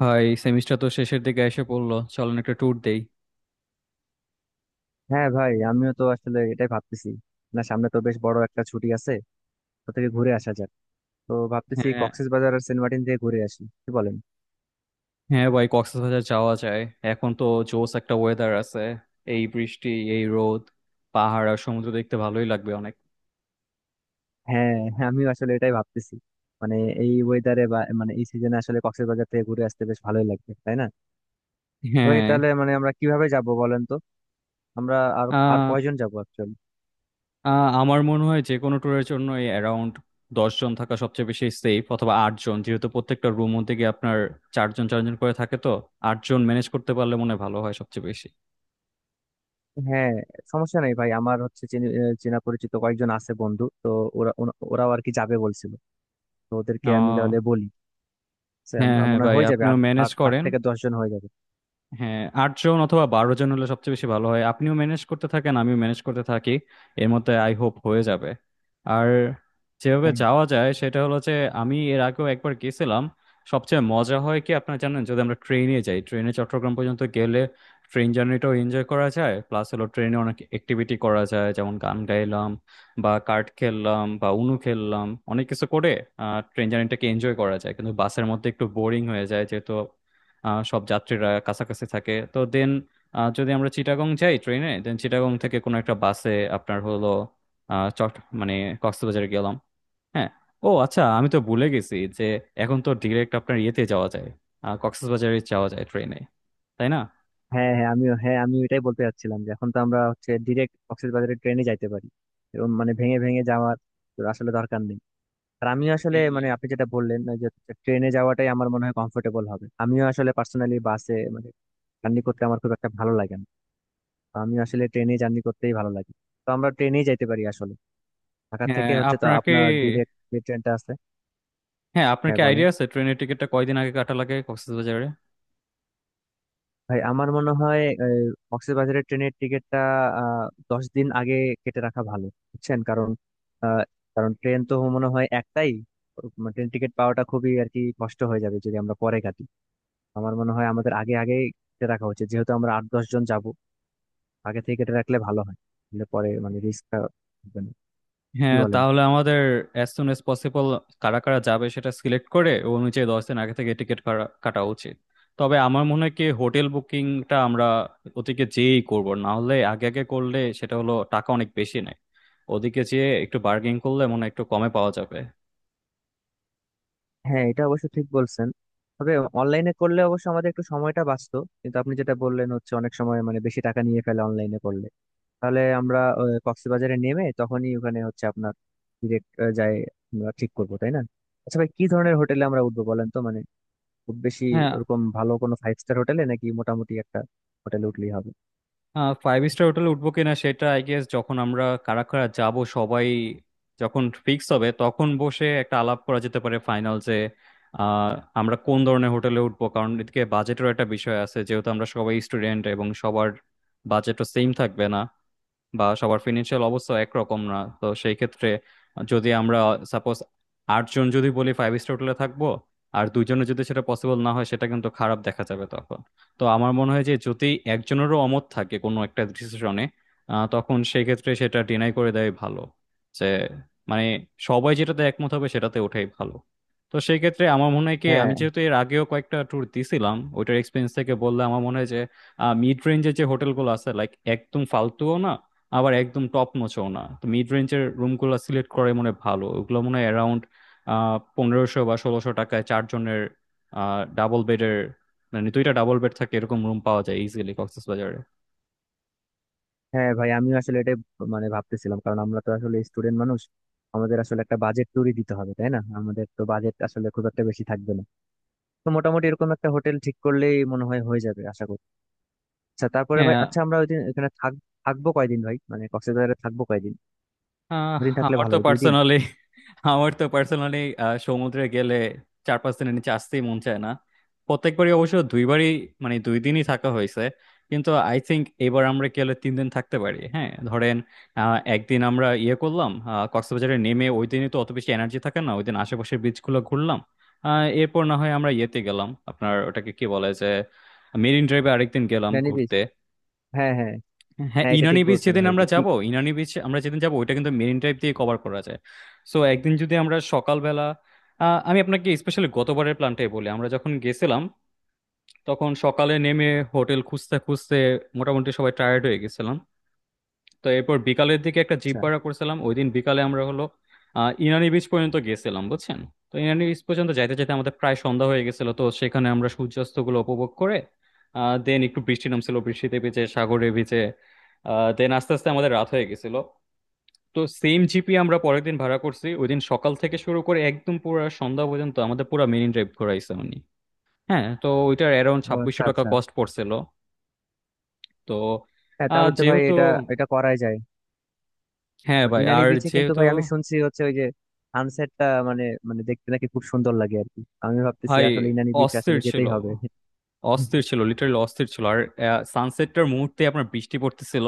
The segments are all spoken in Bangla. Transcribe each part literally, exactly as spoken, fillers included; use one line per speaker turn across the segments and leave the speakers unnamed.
ভাই, সেমিস্টার তো শেষের দিকে এসে পড়লো, চলেন একটা ট্যুর দেই।
হ্যাঁ ভাই, আমিও তো আসলে এটাই ভাবতেছি। না, সামনে তো বেশ বড় একটা ছুটি আছে, তো থেকে ঘুরে আসা যাক। তো ভাবতেছি
হ্যাঁ,
কক্সবাজার আর সেন্ট মার্টিন থেকে ঘুরে আসি, কি বলেন?
হ্যাঁ ভাই, কক্সবাজার যাওয়া যায়। এখন তো জোস একটা ওয়েদার আছে, এই বৃষ্টি, এই রোদ, পাহাড় আর সমুদ্র দেখতে ভালোই লাগবে অনেক।
হ্যাঁ, হ্যাঁ, আমিও আসলে এটাই ভাবতেছি। মানে এই ওয়েদারে বা মানে এই সিজনে আসলে কক্সবাজার থেকে ঘুরে আসতে বেশ ভালোই লাগবে, তাই না? ভাই,
হ্যাঁ।
তাহলে মানে আমরা কিভাবে যাব বলেন তো। আমরা আর আর
আহ
কয়জন যাব অ্যাকচুয়ালি?
আহ, আমার মনে হয় যে কোনো ট্যুরের জন্য এই অ্যারাউন্ড দশ জন থাকা সবচেয়ে বেশি সেফ, অথবা আট জন, যেহেতু প্রত্যেকটা রুম মধ্যে গিয়ে আপনার চারজন চারজন করে থাকে, তো আট জন ম্যানেজ করতে পারলে মনে হয় ভালো হয় সবচেয়ে বেশি।
হ্যাঁ, সমস্যা নেই ভাই। আমার হচ্ছে চিনি- আহ, চেনা পরিচিত কয়েকজন আছে, বন্ধু তো। ওরা ওরা- ওরাও আর কি যাবে বলছিল। তো ওদেরকে আমি
আহ
তাহলে বলি, সে
হ্যাঁ,
আমরা
হ্যাঁ
মনে হয়
ভাই,
হয়ে যাবে,
আপনিও
আট
ম্যানেজ
আট আট
করেন।
থেকে দশ জন হয়ে যাবে।
হ্যাঁ, আটজন অথবা বারো জন হলে সবচেয়ে বেশি ভালো হয়, আপনিও ম্যানেজ করতে থাকেন, আমিও ম্যানেজ করতে থাকি। এর মধ্যে আই হোপ হয়ে যাবে। আর যেভাবে
হ্যাঁ, হ্যাঁ,
যাওয়া যায় সেটা হলো যে আমি এর আগেও একবার গেছিলাম। সবচেয়ে মজা হয় কি আপনারা জানেন, যদি আমরা ট্রেনে যাই, ট্রেনে চট্টগ্রাম পর্যন্ত গেলে ট্রেন জার্নিটাও এনজয় করা যায়। প্লাস হলো ট্রেনে অনেক অ্যাক্টিভিটি করা যায়, যেমন গান গাইলাম বা কার্ড খেললাম বা উনু খেললাম, অনেক কিছু করে ট্রেন জার্নিটাকে এনজয় করা যায়। কিন্তু বাসের মধ্যে একটু বোরিং হয়ে যায়, যেহেতু আহ, সব যাত্রীরা কাছাকাছি থাকে তো। দেন যদি আমরা চিটাগং যাই ট্রেনে, দেন চিটাগং থেকে কোনো একটা বাসে আপনার হলো আহ, চট মানে কক্সবাজারে গেলাম। হ্যাঁ। ও আচ্ছা, আমি তো ভুলে গেছি যে এখন তো ডিরেক্ট আপনার ইয়েতে যাওয়া যায়, আহ, কক্সবাজারে যাওয়া যায় ট্রেনে, তাই না?
হ্যাঁ, হ্যাঁ আমিও, হ্যাঁ আমি এটাই বলতে চাচ্ছিলাম যে এখন তো আমরা হচ্ছে ডিরেক্ট কক্সবাজারের ট্রেনে যাইতে পারি। এরকম মানে ভেঙে ভেঙে যাওয়ার তো আসলে দরকার নেই। আর আমিও আসলে মানে
হুম।
আপনি যেটা বললেন, ওই যে ট্রেনে যাওয়াটাই আমার মনে হয় কমফোর্টেবল হবে। আমিও আসলে পার্সোনালি বাসে মানে জার্নি করতে আমার খুব একটা ভালো লাগে না। তো আমি আসলে ট্রেনে জার্নি করতেই ভালো লাগে। তো আমরা ট্রেনেই যাইতে পারি আসলে। ঢাকা থেকে
হ্যাঁ
হচ্ছে তো
আপনার কি
আপনার ডিরেক্ট যে ট্রেনটা আছে।
হ্যাঁ, আপনার
হ্যাঁ,
কি
বলেন।
আইডিয়া আছে ট্রেনের টিকিটটা কয়দিন আগে কাটা লাগে কক্সবাজারে?
ভাই, আমার মনে হয় কক্সবাজারের ট্রেনের টিকিটটা দশ দিন আগে কেটে রাখা ভালো, বুঝছেন? কারণ আহ, কারণ ট্রেন তো মনে হয় একটাই। মানে ট্রেন টিকিট পাওয়াটা খুবই আর কি কষ্ট হয়ে যাবে যদি আমরা পরে কাটি। আমার মনে হয় আমাদের আগে আগে কেটে রাখা উচিত, যেহেতু আমরা আট দশ জন যাব। আগে থেকে কেটে রাখলে ভালো হয়, তাহলে পরে মানে রিস্কটা থাকবে না। কি
হ্যাঁ,
বলেন?
তাহলে আমাদের অ্যাজ সুন অ্যাজ পসিবল কারা কারা যাবে সেটা সিলেক্ট করে, ও অনুযায়ী দশ দিন আগে থেকে টিকিট কাটা উচিত। তবে আমার মনে হয় কি, হোটেল বুকিংটা আমরা ওদিকে যেয়েই করব, না হলে আগে আগে করলে সেটা হলো টাকা অনেক বেশি নেয়। ওদিকে যেয়ে একটু বার্গেনিং করলে মনে হয় একটু কমে পাওয়া যাবে।
হ্যাঁ, এটা অবশ্য ঠিক বলছেন। তবে অনলাইনে করলে অবশ্য আমাদের একটু সময়টা বাঁচতো, কিন্তু আপনি যেটা বললেন হচ্ছে অনেক সময় মানে বেশি টাকা নিয়ে ফেলে অনলাইনে করলে। তাহলে আমরা আহ, কক্সবাজারে নেমে তখনই ওখানে হচ্ছে আপনার ডিরেক্ট যাই আমরা ঠিক করবো, তাই না? আচ্ছা ভাই, কি ধরনের হোটেলে আমরা উঠবো বলেন তো। মানে খুব বেশি
হ্যাঁ।
ওরকম ভালো কোনো ফাইভ স্টার হোটেলে, নাকি মোটামুটি একটা হোটেলে উঠলেই হবে?
ফাইভ স্টার হোটেলে উঠবো কিনা সেটা আই গেস যখন আমরা কারা কারা যাব সবাই যখন ফিক্স হবে তখন বসে একটা আলাপ করা যেতে পারে, ফাইনাল যে আহ, আমরা কোন ধরনের হোটেলে উঠবো, কারণ এদিকে বাজেটেরও একটা বিষয় আছে, যেহেতু আমরা সবাই স্টুডেন্ট এবং সবার বাজেটও সেম থাকবে না, বা সবার ফিনান্সিয়াল অবস্থা একরকম না। তো সেই ক্ষেত্রে যদি আমরা সাপোজ আটজন যদি বলি ফাইভ স্টার হোটেলে থাকবো আর দুইজনের যদি সেটা পসিবল না হয়, সেটা কিন্তু খারাপ দেখা যাবে তখন। তো আমার মনে হয় যে যদি একজনেরও অমত থাকে কোনো একটা ডিসিশনে তখন সেই ক্ষেত্রে সেটা ডিনাই করে দেয় ভালো, যে মানে সবাই যেটাতে একমত হবে সেটাতে ওঠাই ভালো। তো সেই ক্ষেত্রে আমার মনে হয় কি, আমি
হ্যাঁ,
যেহেতু এর আগেও কয়েকটা ট্যুর দিছিলাম ওইটার এক্সপিরিয়েন্স থেকে বললে আমার মনে হয় যে মিড রেঞ্জের যে হোটেলগুলো আছে, লাইক একদম ফালতুও না আবার একদম টপ নচও না, তো মিড রেঞ্জের রুমগুলো সিলেক্ট করে মনে হয় ভালো। ওগুলো মনে হয় অ্যারাউন্ড পনেরোশো বা ষোলোশো টাকায় চারজনের ডাবল বেডের, মানে দুইটা ডাবল বেড থাকে, এরকম রুম পাওয়া যায় ইজিলি কক্সবাজারে।
হ্যাঁ ভাই, আমিও আসলে এটাই মানে ভাবতেছিলাম, কারণ আমরা তো আসলে স্টুডেন্ট মানুষ। আমাদের আসলে একটা বাজেট ট্যুরই দিতে হবে, তাই না? আমাদের তো বাজেট আসলে খুব একটা বেশি থাকবে না। তো মোটামুটি এরকম একটা হোটেল ঠিক করলেই মনে হয় হয়ে যাবে, আশা করি। আচ্ছা, তারপরে ভাই,
হ্যাঁ।
আচ্ছা আমরা ওইদিন এখানে থাক- থাকবো কয়দিন ভাই? মানে কক্সবাজারে থাকবো কয়দিন?
আহ,
দুদিন থাকলে
আমার
ভালো
তো
হয়, দুই দিন।
পার্সোনালি আমার তো পার্সোনালি সমুদ্রে গেলে চার পাঁচ দিনের নিচে আসতেই মন চায় না। প্রত্যেকবারই অবশ্য দুইবারই মানে দুই দিনই থাকা হয়েছে, কিন্তু আই থিংক এবার আমরা গেলে তিন দিন থাকতে পারি। হ্যাঁ, ধরেন, আহ, একদিন আমরা ইয়ে করলাম, আহ, কক্সবাজারে নেমে ওই দিনই তো অত বেশি এনার্জি থাকে না, ওই দিন আশেপাশের বিচগুলো ঘুরলাম। আহ, এরপর না হয় আমরা ইয়েতে গেলাম, আপনার ওটাকে কি বলে যে মেরিন ড্রাইভে আরেকদিন গেলাম
ভ্যানি বিচ।
ঘুরতে।
হ্যাঁ, হ্যাঁ,
হ্যাঁ,
হ্যাঁ, এটা
ইনানি
ঠিক
বিচ
বলছেন
যেদিন
ভাই।
আমরা
ই-
যাব
ই-
ইনানি বিচ আমরা যেদিন যাব ওইটা কিন্তু মেরিন ড্রাইভ দিয়ে কভার করা যায়। সো একদিন যদি আমরা সকালবেলা, আহ, আমি আপনাকে স্পেশালি গতবারের প্ল্যানটাই বলি। আমরা যখন গেছিলাম তখন সকালে নেমে হোটেল খুঁজতে খুঁজতে মোটামুটি সবাই টায়ার্ড হয়ে গেছিলাম। তো এরপর বিকালের দিকে একটা জিপ
আচ্ছা,
ভাড়া করছিলাম, ওই দিন বিকালে আমরা হলো আহ, ইনানি বিচ পর্যন্ত গেছিলাম, বুঝছেন। তো ইনানি বিচ পর্যন্ত যাইতে যাইতে আমাদের প্রায় সন্ধ্যা হয়ে গেছিল, তো সেখানে আমরা সূর্যাস্ত গুলো উপভোগ করে দেন একটু বৃষ্টি নামছিল, বৃষ্টিতে ভিজে সাগরে ভিজে দেন আস্তে আস্তে আমাদের রাত হয়ে গেছিল। তো সেম জিপি আমরা পরের দিন ভাড়া করছি, ওই দিন সকাল থেকে শুরু করে একদম পুরো সন্ধ্যা পর্যন্ত আমাদের পুরো মেরিন ড্রাইভ ঘোরাইছে উনি। হ্যাঁ, তো ওইটার অ্যারাউন্ড
ও
ছাব্বিশশো
আচ্ছা,
টাকা
আচ্ছা।
কস্ট পড়ছিল। তো
হ্যাঁ
আহ,
তাহলে হচ্ছে ভাই
যেহেতু
এটা এটা করাই যায়।
হ্যাঁ ভাই,
ইনানি
আর
বিচে কিন্তু
যেহেতু
ভাই আমি শুনছি হচ্ছে ওই যে সানসেটটা, মানে মানে দেখতে নাকি খুব সুন্দর লাগে আর কি। আমি ভাবতেছি
ভাই
আসলে ইনানি বিচ
অস্থির
আসলে
ছিল
যেতেই হবে।
অস্থির ছিল লিটারালি, অস্থির ছিল। আর সানসেটটার মুহূর্তে আপনার বৃষ্টি পড়তেছিল।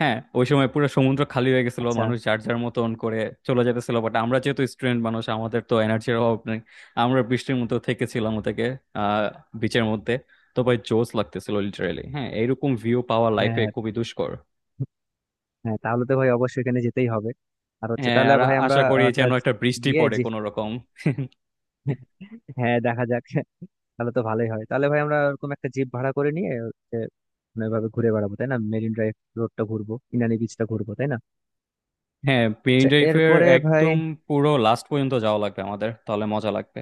হ্যাঁ, ওই সময় পুরো সমুদ্র খালি হয়ে গেছিল,
আচ্ছা,
মানুষ যার যার মতন করে চলে যেতেছিল, বাট আমরা যেহেতু স্টুডেন্ট মানুষ, আমাদের তো এনার্জির অভাব নেই। আমরা বৃষ্টির মতো থেকেছিলাম ওটাকে আহ বিচের মধ্যে। তো ভাই জোস লাগতেছিল লিটারালি, হ্যাঁ, এরকম ভিউ পাওয়া
হ্যাঁ,
লাইফে
হ্যাঁ,
খুবই দুষ্কর।
হ্যাঁ, তাহলে তো ভাই অবশ্যই এখানে যেতেই হবে। আর হচ্ছে
হ্যাঁ,
তাহলে
আর
ভাই আমরা
আশা করি
আহ, একটা
যেন একটা বৃষ্টি
গিয়ে
পড়ে
যে।
কোনো রকম।
হ্যাঁ, দেখা যাক। তাহলে তো ভালোই হয়। তাহলে ভাই আমরা এরকম একটা জিপ ভাড়া করে নিয়ে হচ্ছে, মানে এভাবে ঘুরে বেড়াবো তাই না? মেরিন ড্রাইভ রোডটা ঘুরবো, ইনানি বিচটা ঘুরবো, তাই না?
হ্যাঁ, পেইন
আচ্ছা,
ড্রাইভের
এরপরে ভাই।
একদম পুরো লাস্ট পর্যন্ত যাওয়া লাগবে আমাদের, তাহলে মজা লাগবে।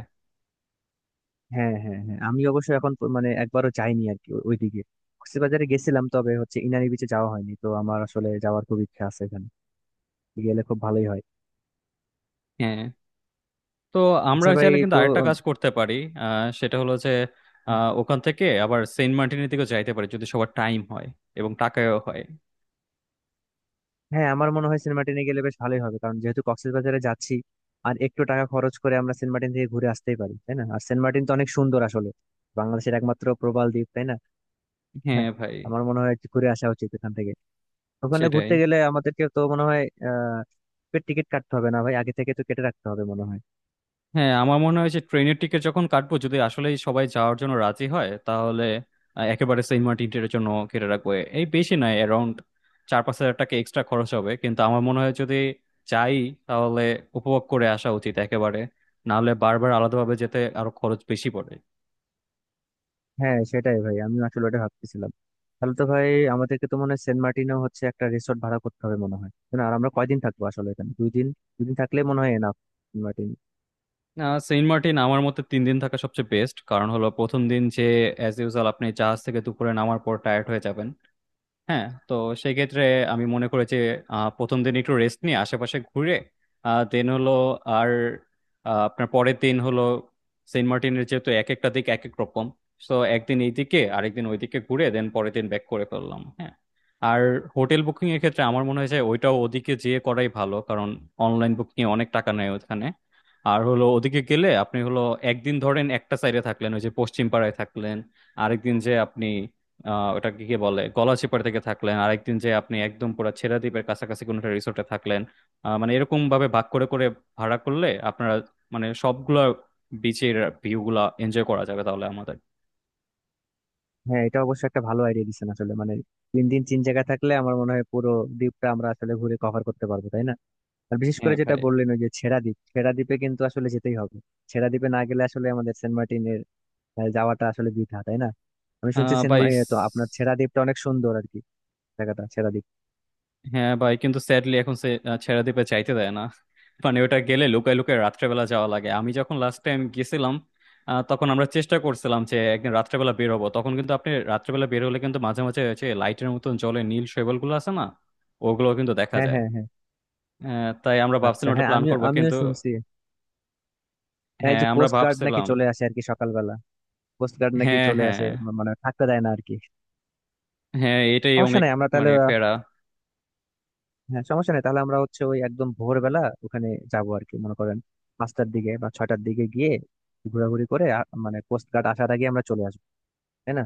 হ্যাঁ, হ্যাঁ, হ্যাঁ, আমি অবশ্য এখন প- মানে একবারও যাইনি আর কি ওই দিকে। কক্সবাজারে গেছিলাম, তবে হচ্ছে ইনানি বিচে যাওয়া হয়নি। তো আমার আসলে যাওয়ার খুব ইচ্ছা আছে, এখানে গেলে খুব ভালোই হয়।
হ্যাঁ, তো আমরা
আচ্ছা ভাই
চাইলে কিন্তু
তো।
আরেকটা কাজ করতে পারি, আহ, সেটা হলো যে আহ, ওখান থেকে আবার সেন্ট মার্টিনের দিকে যাইতে পারি, যদি সবার টাইম হয় এবং টাকায়ও হয়।
হ্যাঁ আমার মনে হয় সিনেমা টেনে গেলে বেশ ভালোই হবে, কারণ যেহেতু কক্সবাজারে যাচ্ছি। আর একটু টাকা খরচ করে আমরা সেন্ট মার্টিন থেকে ঘুরে আসতেই পারি তাই না? আর সেন্ট মার্টিন তো অনেক সুন্দর আসলে, বাংলাদেশের একমাত্র প্রবাল দ্বীপ, তাই না?
হ্যাঁ
হ্যাঁ,
ভাই,
আমার মনে হয় একটু ঘুরে আসা উচিত এখান থেকে। ওখানে
সেটাই।
ঘুরতে গেলে আমাদেরকে তো মনে হয় আহ টিকিট কাটতে হবে না ভাই? আগে থেকে তো কেটে রাখতে হবে মনে হয়।
হ্যাঁ, আমার মনে হয় যে ট্রেনের টিকিট যখন কাটবো, যদি আসলেই সবাই যাওয়ার জন্য রাজি হয় তাহলে আহ, একেবারে সেন্ট মার্টিনের জন্য কেটে রাখবো। এই বেশি নয়, অ্যারাউন্ড চার পাঁচ হাজার টাকা এক্সট্রা খরচ হবে, কিন্তু আমার মনে হয় যদি যাই তাহলে উপভোগ করে আসা উচিত একেবারে, নাহলে বারবার আলাদাভাবে যেতে আরো খরচ বেশি পড়ে।
হ্যাঁ সেটাই ভাই, আমি আসলে ওটা ভাবতেছিলাম। তাহলে তো ভাই আমাদেরকে তো মনে হয় সেন্ট মার্টিনেও হচ্ছে একটা রিসোর্ট ভাড়া করতে হবে মনে হয়, তাই না? আর আমরা কয়দিন থাকবো আসলে এখানে, দুই দিন? দুই দিন থাকলে মনে হয় এনাফ সেন্ট মার্টিন।
আহ সেন্ট মার্টিন আমার মতে তিন দিন থাকা সবচেয়ে বেস্ট, কারণ হলো প্রথম দিন যে অ্যাজ ইউজুয়াল আপনি জাহাজ থেকে দুপুরে নামার পর টায়ার্ড হয়ে যাবেন। হ্যাঁ, তো সেক্ষেত্রে আমি মনে করি যে আহ, প্রথম দিন একটু রেস্ট নিয়ে আশেপাশে ঘুরে দেন হলো, আর আহ, আপনার পরের দিন হলো, সেন্ট মার্টিনের যেহেতু এক একটা দিক এক এক রকম, তো একদিন এইদিকে আরেকদিন ওইদিকে ঘুরে দেন পরের দিন ব্যাক করে ফেললাম। হ্যাঁ, আর হোটেল বুকিং এর ক্ষেত্রে আমার মনে হয় যে ওইটাও ওদিকে যেয়ে করাই ভালো, কারণ অনলাইন বুকিং এ অনেক টাকা নেয় ওখানে। আর হলো ওদিকে গেলে আপনি হলো একদিন ধরেন একটা সাইডে থাকলেন ওই যে পশ্চিম পাড়ায় থাকলেন, আরেকদিন যে আপনি আহ ওটাকে কি বলে, গলাচিপাড়া থেকে থাকলেন, আরেকদিন যে আপনি একদম পুরো ছেড়া দ্বীপের কাছাকাছি কোনো একটা রিসোর্টে থাকলেন। আহ, মানে এরকম ভাবে ভাগ করে করে ভাড়া করলে আপনারা মানে সবগুলা বিচের ভিউ গুলা এনজয় করা যাবে তাহলে আমাদের।
হ্যাঁ, এটা অবশ্য একটা ভালো আইডিয়া দিচ্ছেন আসলে। মানে তিন দিন তিন জায়গায় থাকলে আমার মনে হয় পুরো দ্বীপটা আমরা আসলে ঘুরে কভার করতে পারবো, তাই না? আর বিশেষ করে
হ্যাঁ
যেটা
ভাই।
বললেন ওই যে ছেড়া দ্বীপ। ছেড়া দ্বীপে কিন্তু আসলে যেতেই হবে। ছেড়া দ্বীপে না গেলে আসলে আমাদের সেন্ট মার্টিনের আহ, যাওয়াটা আসলে বৃথা, তাই না? আমি শুনছি
আহ
সেন্ট
ভাই,
মা- এ, তো আপনার ছেড়া দ্বীপটা অনেক সুন্দর আর কি, জায়গাটা ছেড়া দ্বীপ।
হ্যাঁ ভাই, কিন্তু স্যাডলি এখন সে আহ, ছেড়ে দিতে চাইতে দেয় না। মানে ওটা গেলে লুকায় লুকায় রাত্রেবেলা যাওয়া লাগে। আমি যখন লাস্ট টাইম গেছিলাম আহ, তখন আমরা চেষ্টা করছিলাম যে একদিন রাত্রেবেলা বের হবো, তখন কিন্তু আপনি রাত্রেবেলা বের হলে কিন্তু মাঝে মাঝে হচ্ছে লাইটের মতন জলে নীল শৈবাল গুলো আছে না, ওগুলো কিন্তু দেখা
হ্যাঁ,
যায়।
হ্যাঁ, হ্যাঁ।
আহ, তাই আমরা
আচ্ছা,
ভাবছিলাম ওটা
হ্যাঁ
প্ল্যান
আমিও
করবো,
আমিও
কিন্তু
শুনছি। হ্যাঁ, এই
হ্যাঁ,
যে
আমরা
কোস্ট গার্ড নাকি
ভাবছিলাম।
চলে আসে আর কি সকালবেলা। কোস্ট গার্ড নাকি
হ্যাঁ,
চলে আসে,
হ্যাঁ,
মা- মানে থাকতে দেয় না আর কি।
হ্যাঁ, এটাই
সমস্যা
অনেক
নাই, আমরা তাহলে।
মানে প্যারা।
হ্যাঁ, সমস্যা নেই তাহলে আমরা হচ্ছে ওই একদম ভোরবেলা ওখানে যাবো আর কি, মনে করেন পাঁচটার দিকে বা ছয়টার দিকে গিয়ে ঘোরাঘুরি করে আ- মানে কোস্ট গার্ড আসার আগে আমরা চলে আসবো, তাই না?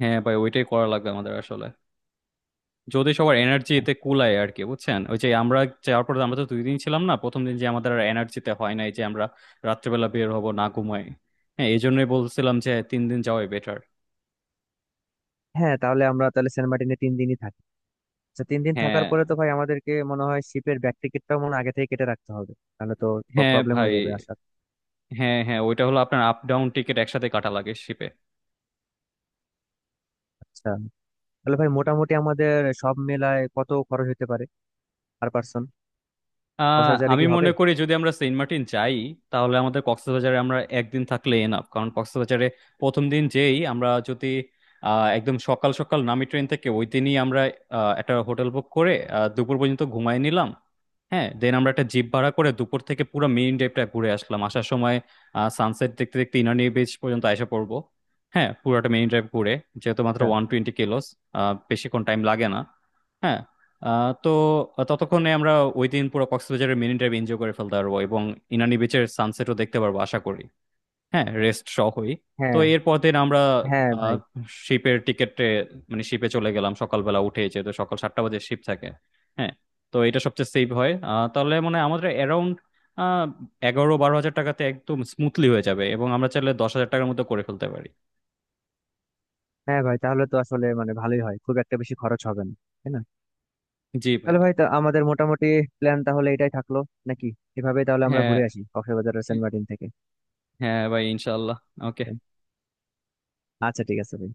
হ্যাঁ ভাই, ওইটাই করা লাগবে আমাদের আসলে, যদি সবার এনার্জি এতে কুলায় আর কি, বুঝছেন, ওই যে আমরা যাওয়ার পরে আমরা তো দুই দিন ছিলাম না, প্রথম দিন যে আমাদের আর এনার্জিতে হয় নাই যে আমরা রাত্রেবেলা বের হব, না ঘুমাই। হ্যাঁ, এই জন্যই বলছিলাম যে তিন দিন যাওয়াই বেটার।
হ্যাঁ, তাহলে আমরা তাহলে সেন্ট মার্টিনে তিন দিনই থাকি। আচ্ছা, তিন দিন থাকার
হ্যাঁ,
পরে তো ভাই আমাদেরকে মনে হয় শিপের ব্যাক টিকিটটাও মনে হয় আগে থেকে কেটে রাখতে হবে, তাহলে তো
হ্যাঁ
প্রবলেম
ভাই।
হয়ে যাবে আসার।
হ্যাঁ, হ্যাঁ, ওইটা হলো আপনার আপ ডাউন টিকিট একসাথে কাটা লাগে শিপে।
আচ্ছা তাহলে ভাই, মোটামুটি আমাদের সব মেলায় কত খরচ হতে পারে পার পার্সন? দশ
আহ
হাজারে
আমি
কি হবে?
মনে করি যদি আমরা সেন্ট মার্টিন যাই তাহলে আমাদের কক্সবাজারে আমরা একদিন থাকলে এনাফ, কারণ কক্সবাজারে প্রথম দিন যেই আমরা যদি আহ, একদম সকাল সকাল নামি ট্রেন থেকে, ওই দিনই আমরা আহ, একটা হোটেল বুক করে আহ, দুপুর পর্যন্ত ঘুমাই নিলাম। হ্যাঁ, দেন আমরা একটা জিপ ভাড়া করে দুপুর থেকে পুরো মেরিন ড্রাইভটা ঘুরে আসলাম, আসার সময় সানসেট দেখতে দেখতে ইনানি বিচ পর্যন্ত এসে পড়বো। হ্যাঁ, পুরোটা মেরিন ড্রাইভ ঘুরে, যেহেতু মাত্র
আচ্ছা।
ওয়ান টোয়েন্টি কিলোস, বেশিক্ষণ টাইম লাগে না। হ্যাঁ, আহ, তো ততক্ষণে আমরা ওই দিন পুরো কক্সবাজারের মেরিন ড্রাইভ এনজয় করে ফেলতে পারবো এবং ইনানি বিচের সানসেটও দেখতে পারবো আশা করি। হ্যাঁ, রেস্ট সহই। তো
হ্যাঁ,
এরপর দিন আমরা
হ্যাঁ ভাই।
শিপের টিকেটে মানে শিপে চলে গেলাম সকালবেলা উঠে, যেহেতু সকাল সাতটা বাজে শিপ থাকে। হ্যাঁ, তো এটা সবচেয়ে সেভ হয়। আহ, তাহলে মানে আমাদের অ্যারাউন্ড এগারো বারো হাজার টাকাতে একদম স্মুথলি হয়ে যাবে, এবং আমরা চাইলে দশ হাজার টাকার মতো করে ফেলতে পারি।
হ্যাঁ ভাই, তাহলে তো আসলে মানে ভালোই হয়, খুব একটা বেশি খরচ হবে না, তাই না?
জি ভাই।
তাহলে ভাই তা আমাদের মোটামুটি প্ল্যান তাহলে এটাই থাকলো, নাকি? এভাবে তাহলে আমরা
হ্যাঁ,
ঘুরে আসি কক্সবাজারের সেন্ট মার্টিন থেকে।
হ্যাঁ ভাই, ইনশাল্লাহ। ওকে।
আচ্ছা, ঠিক আছে ভাই।